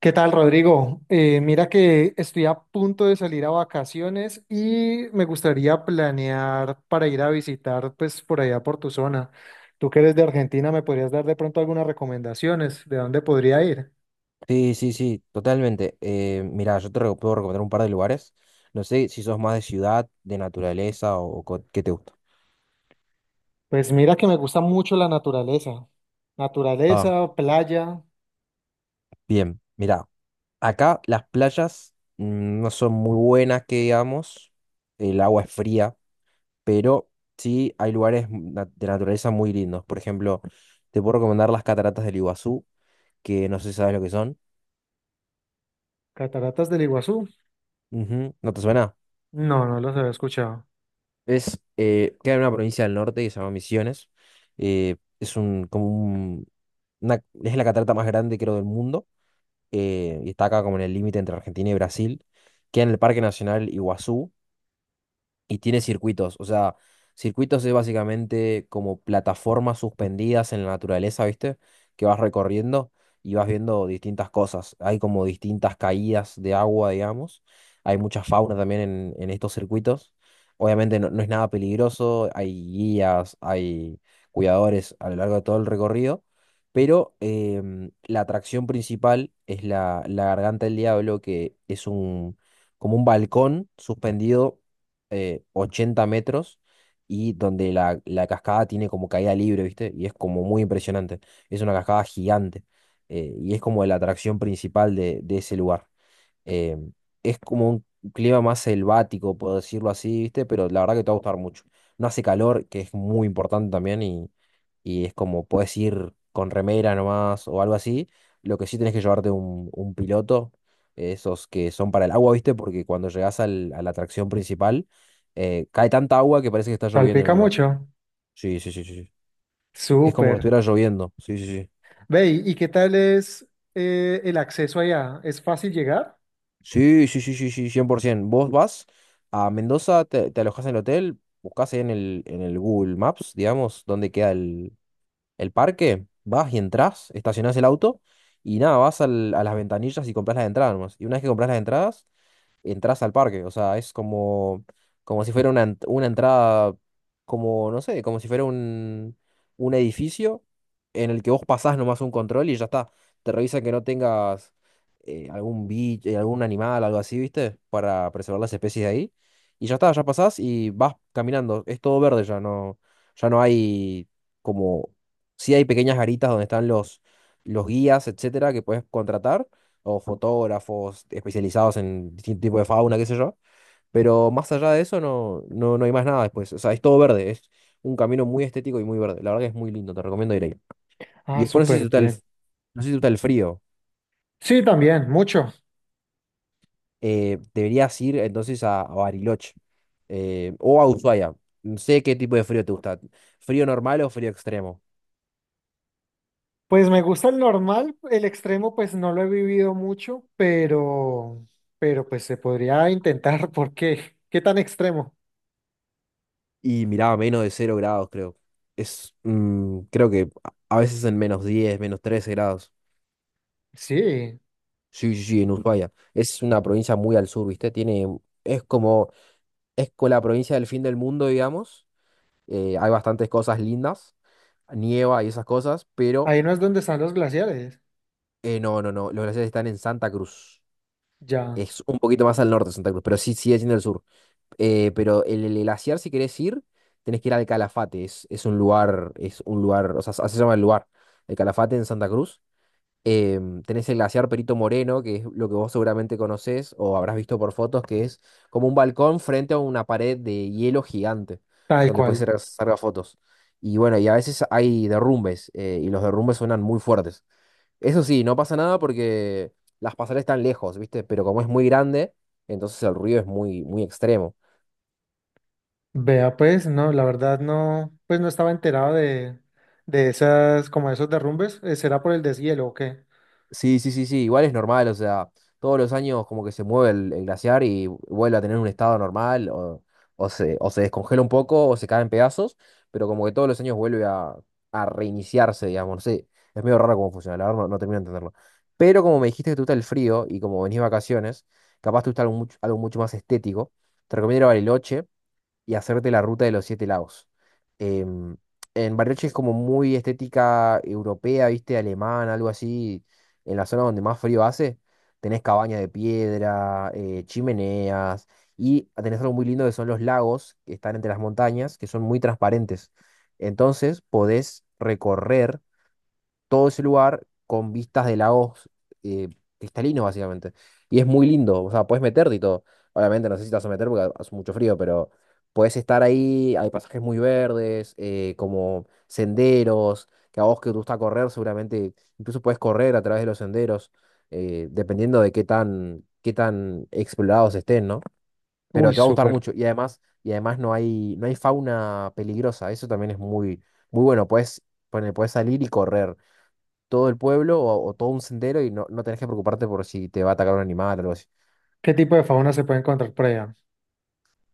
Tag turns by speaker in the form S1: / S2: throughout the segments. S1: ¿Qué tal, Rodrigo? Mira que estoy a punto de salir a vacaciones y me gustaría planear para ir a visitar, pues, por allá por tu zona. Tú que eres de Argentina, ¿me podrías dar de pronto algunas recomendaciones de dónde podría ir?
S2: Sí, sí, sí, totalmente. Mira, puedo recomendar un par de lugares. No sé si sos más de ciudad, de naturaleza qué te gusta.
S1: Pues mira que me gusta mucho la naturaleza.
S2: Ah,
S1: Naturaleza, playa,
S2: bien, mira, acá las playas no son muy buenas, que digamos. El agua es fría, pero sí hay de naturaleza muy lindos. Por ejemplo, te puedo recomendar las cataratas del Iguazú, que no sé si sabes lo que son.
S1: cataratas del Iguazú.
S2: Ujú, ¿no te suena?
S1: No, no los había escuchado.
S2: Queda en una provincia del norte que se llama Misiones. Es un, como un, una- es la catarata más grande, creo, del mundo. Y está acá como en el límite entre Argentina y Brasil. Queda en el Parque Nacional Iguazú. Y tiene circuitos, o sea, circuitos es básicamente como plataformas suspendidas en la naturaleza, ¿viste? Que vas recorriendo y vas viendo distintas cosas. Hay como distintas caídas de agua, digamos. Hay mucha fauna también en estos circuitos. Obviamente no, no es nada peligroso, hay guías, hay cuidadores a lo largo de todo el recorrido, pero la atracción principal es la Garganta del Diablo, que es un, como un balcón suspendido 80 metros y donde la cascada tiene como caída libre, ¿viste? Y es como muy impresionante. Es una cascada gigante y es como la atracción principal de ese lugar. Eh, es como un clima más selvático, puedo decirlo así, ¿viste? Pero la verdad que te va a gustar mucho. No hace calor, que es muy importante también, y es como puedes ir con remera nomás o algo así. Lo que sí tenés que llevarte un piloto, esos que son para el agua, ¿viste? Porque cuando a la atracción principal, cae tanta agua que parece que está lloviendo en
S1: ¿Salpica
S2: el lugar.
S1: mucho?
S2: Sí, sí, sí, sí, sí. Es como
S1: Súper.
S2: que estuviera lloviendo. Sí, sí, sí.
S1: Ve, ¿y qué tal es el acceso allá? ¿Es fácil llegar?
S2: Sí, sí, sí, sí, sí, 100%. Vos vas a Mendoza, te alojás en el hotel, buscás ahí en el Google Maps, digamos, dónde queda el parque, vas y entras, estacionás el auto y nada, a las ventanillas y compras las entradas nomás. Y una vez que compras las entradas, entras al parque. O sea, es como, como si fuera una entrada, como, no sé, como si fuera un edificio en el que vos pasás nomás un control y ya está. Te revisan que no tengas algún bicho, algún animal, algo así, ¿viste? Para preservar las especies de ahí. Y ya está, ya pasás y vas caminando. Es todo verde ya, no, ya no hay como. Sí hay pequeñas garitas donde están los guías, etcétera, que puedes contratar, o fotógrafos especializados en distinto tipo de fauna, qué sé yo. Pero más allá de eso no, no, no hay más nada después. O sea, es todo verde, es un camino muy estético y muy verde. La verdad que es muy lindo, te recomiendo ir ahí. Y
S1: Ah,
S2: después
S1: súper bien.
S2: no sé si te gusta el frío.
S1: Sí, también, mucho.
S2: Deberías ir entonces a Bariloche o a Ushuaia. No sé qué tipo de frío te gusta. ¿Frío normal o frío extremo?
S1: Pues me gusta el normal, el extremo pues no lo he vivido mucho, pero pues se podría intentar, ¿por qué? ¿Qué tan extremo?
S2: Y miraba menos de cero grados, creo. Creo que a veces en menos 10 menos 13 grados.
S1: Sí,
S2: Sí, sí, sí, en Ushuaia. Es una provincia muy al sur, ¿viste? Tiene, es como, es con la provincia del fin del mundo, digamos. Hay bastantes cosas lindas, nieva y esas cosas, pero
S1: ahí no es donde están los glaciares,
S2: no, no, no. Los glaciares están en Santa Cruz.
S1: ya,
S2: Es un poquito más al norte de Santa Cruz, pero sí sigue siendo el sur. Pero el glaciar, si querés ir, tenés que ir al Calafate. Es un lugar, o sea, así se llama el lugar. El Calafate en Santa Cruz. Tenés el glaciar Perito Moreno, que es lo que vos seguramente conocés o habrás visto por fotos, que es como un balcón frente a una pared de hielo gigante,
S1: tal
S2: donde puedes
S1: cual.
S2: Ujú. Sacar fotos. Y bueno, y a veces hay derrumbes, y los derrumbes suenan muy fuertes. Eso sí, no pasa nada porque las pasarelas están lejos, ¿viste? Pero como es muy grande, entonces el ruido es muy, muy extremo.
S1: Vea, pues no, la verdad no, pues no estaba enterado de esas, como esos derrumbes. ¿Será por el deshielo o qué?
S2: Sí, sí, sí, sí, igual es normal, o sea, todos los años como que se mueve el glaciar y vuelve a tener un estado normal, o se descongela un poco, o se cae en pedazos, pero como que todos los años a reiniciarse, digamos, no sé, es medio raro cómo funciona, la verdad no, no termino de entenderlo. Pero como me dijiste que te gusta el frío y como venís de vacaciones, capaz te gusta algo mucho más estético, te recomiendo ir a Bariloche, y hacerte la ruta de los 7 lagos. Em, en Bariloche es como muy estética europea, viste, alemana, algo así. En la zona donde más frío hace, tenés cabañas de piedra, chimeneas, y tenés algo muy lindo que son los lagos que están entre las montañas, que son muy transparentes. Entonces podés recorrer todo ese lugar con vistas de lagos eh, cristalinos, básicamente. Y es muy lindo, o sea, puedes meterte y todo. Obviamente no sé si te vas a meter porque hace mucho frío, pero puedes estar ahí, hay pasajes muy verdes, como senderos, que a vos que te gusta correr, seguramente incluso puedes correr a través de los senderos, dependiendo de qué tan explorados estén, ¿no? Pero
S1: Uy,
S2: te va a gustar
S1: súper.
S2: mucho y además no hay, no hay fauna peligrosa, eso también es muy, muy bueno, puedes, puedes salir y correr todo el pueblo o todo un sendero y no, no tenés que preocuparte por si te va a atacar un animal o algo así.
S1: ¿Qué tipo de fauna se puede encontrar por allá?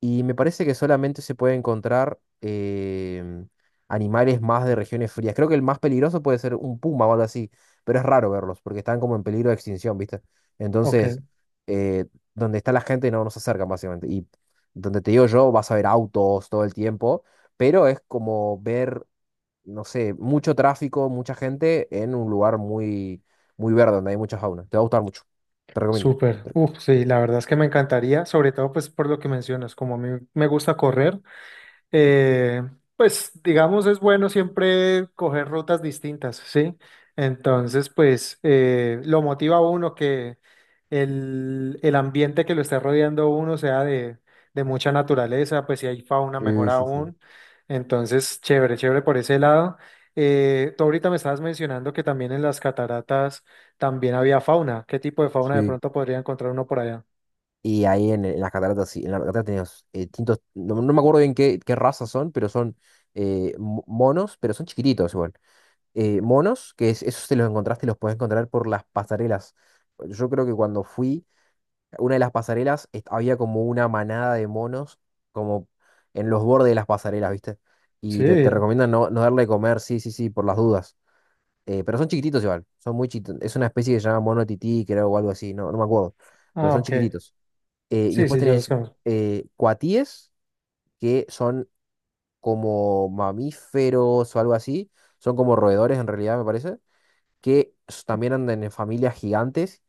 S2: Y me parece que solamente se puede encontrar animales más de regiones frías. Creo que el más peligroso puede ser un puma o algo así, pero es raro verlos porque están como en peligro de extinción, ¿viste?
S1: Ok.
S2: Entonces, eh, donde está la gente no nos acercan básicamente. Y donde te digo yo, vas a ver autos todo el tiempo, pero es como ver no sé, mucho tráfico, mucha gente en un lugar muy, muy verde donde hay mucha fauna. Te va a gustar mucho. Te recomiendo.
S1: Súper. Uf, sí, la verdad es que me encantaría, sobre todo pues por lo que mencionas, como a mí me gusta correr, eh, pues digamos es bueno siempre coger rutas distintas, ¿sí? Entonces, pues lo motiva a uno que el ambiente que lo está rodeando a uno sea de mucha naturaleza, pues si hay fauna mejor
S2: Sí, sí, sí.
S1: aún. Entonces, chévere, chévere por ese lado. Tú ahorita me estabas mencionando que también en las cataratas también había fauna. ¿Qué tipo de fauna de
S2: Sí.
S1: pronto podría encontrar uno por allá?
S2: Y ahí en las cataratas, sí, en las cataratas tenías distintos, no, no me acuerdo bien qué, qué razas son, pero son monos, pero son chiquititos igual. Monos, que es, esos te los encontraste y los puedes encontrar por las pasarelas. Yo creo que cuando fui una de las había como una manada de monos como en los bordes de las pasarelas, ¿viste?
S1: Sí,
S2: Y te recomiendan no, no darle de comer, sí, sí, sí, por las dudas. Pero son chiquititos igual, son muy chiquitos. Es una especie que se llama mono tití, creo, o algo así, no, no me acuerdo. Pero
S1: ah,
S2: son
S1: ok.
S2: chiquititos. Y
S1: Sí,
S2: después
S1: sí, yo los
S2: tenés
S1: conozco.
S2: cuatíes, que son como mamíferos o algo así. Son como roedores en realidad, me parece también andan en familias gigantes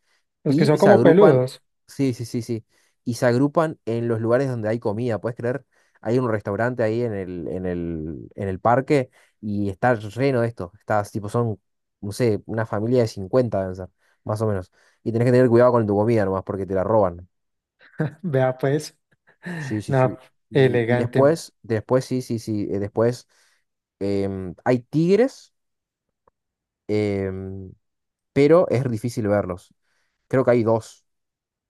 S1: Los que son
S2: y se
S1: como
S2: agrupan,
S1: peludos.
S2: sí, sí, sí, sí, y se agrupan en los lugares donde hay comida, ¿puedes creer? Hay un restaurante ahí en el parque y está lleno de esto, está, tipo, son, no sé, una familia de 50 deben ser, más o menos, y tenés que tener cuidado con tu comida nomás porque te la roban,
S1: Vea pues,
S2: sí, sí,
S1: no,
S2: sí, y
S1: elegante.
S2: después, después, sí, sí, sí, después hay tigres, em, pero es difícil verlos, creo que hay dos.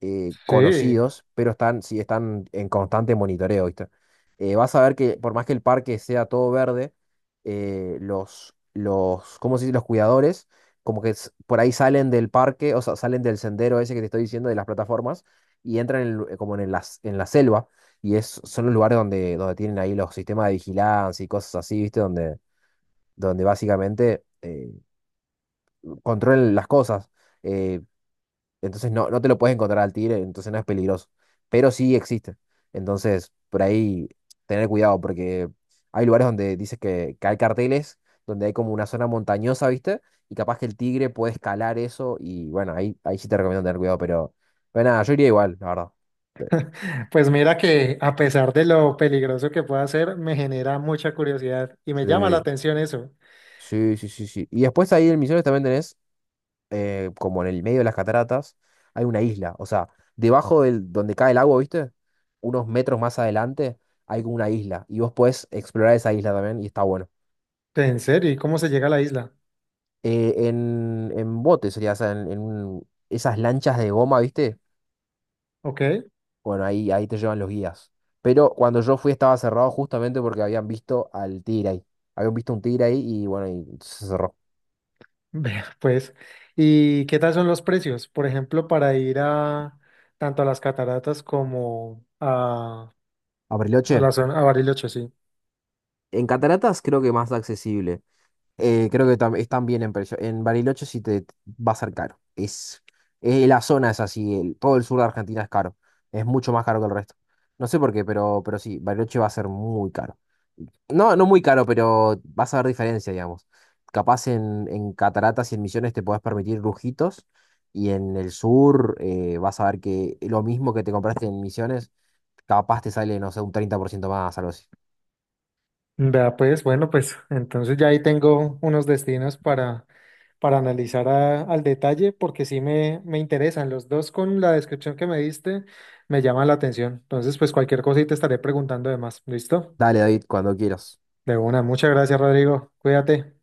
S1: Sí,
S2: Conocidos, pero están, sí, están en constante monitoreo, ¿viste? Vas a ver que por más que el parque sea todo verde, ¿cómo se dice? Los cuidadores, como por ahí salen del parque, o sea, salen del sendero ese que te estoy diciendo, de las plataformas, y entran en como en la selva, y es, son los lugares donde, donde tienen ahí los sistemas de vigilancia y cosas así, ¿viste? Donde, donde básicamente controlan las cosas. Eh, entonces no, no te lo puedes encontrar al tigre, entonces no es peligroso. Pero sí existe. Entonces, por ahí tener cuidado, porque hay lugares donde dices que hay carteles, donde hay como una zona montañosa, ¿viste? Y capaz que el tigre puede escalar eso y bueno, ahí, ahí sí te recomiendo tener cuidado, pero nada, yo iría igual, la verdad.
S1: pues mira que a pesar de lo peligroso que pueda ser, me genera mucha curiosidad y me llama la
S2: Sí,
S1: atención eso.
S2: sí, sí, sí, sí. Y después ahí en Misiones también tenés como en el medio de las cataratas, hay una isla. O sea, debajo del, donde cae el agua, ¿viste? Unos metros más adelante hay como una isla. Y vos podés explorar esa isla también y está bueno.
S1: ¿En serio? ¿Y cómo se llega a la isla?
S2: En bote sería, o sea, esas lanchas de goma, ¿viste?
S1: Ok,
S2: Bueno, ahí, ahí te llevan los guías. Pero cuando yo fui estaba cerrado justamente porque habían visto al tigre ahí. Habían visto un tigre ahí y bueno, y se cerró.
S1: vea pues. ¿Y qué tal son los precios? Por ejemplo, para ir a tanto a las cataratas como a
S2: Bariloche,
S1: la zona, a Bariloche, sí.
S2: en cataratas creo que más accesible. Creo que es también en precio. En Bariloche sí te va a ser caro. La zona es así, todo el sur de Argentina es caro. Es mucho más caro que el resto. No sé por qué, pero sí, Bariloche va a ser muy caro. No, no muy caro, pero vas a ver diferencia, digamos. Capaz en Cataratas y en Misiones te podés permitir lujitos y en el sur vas a ver que lo mismo que te compraste en Misiones, capaz te sale, no sé, un 30% más, algo así.
S1: Vea pues, bueno, pues entonces ya ahí tengo unos destinos para analizar a- al detalle porque sí me interesan. Los dos con la descripción que me diste me llaman la atención. Entonces, pues cualquier cosa y te estaré preguntando de más. ¿Listo?
S2: Dale, David, cuando quieras.
S1: De una. Muchas gracias, Rodrigo. Cuídate.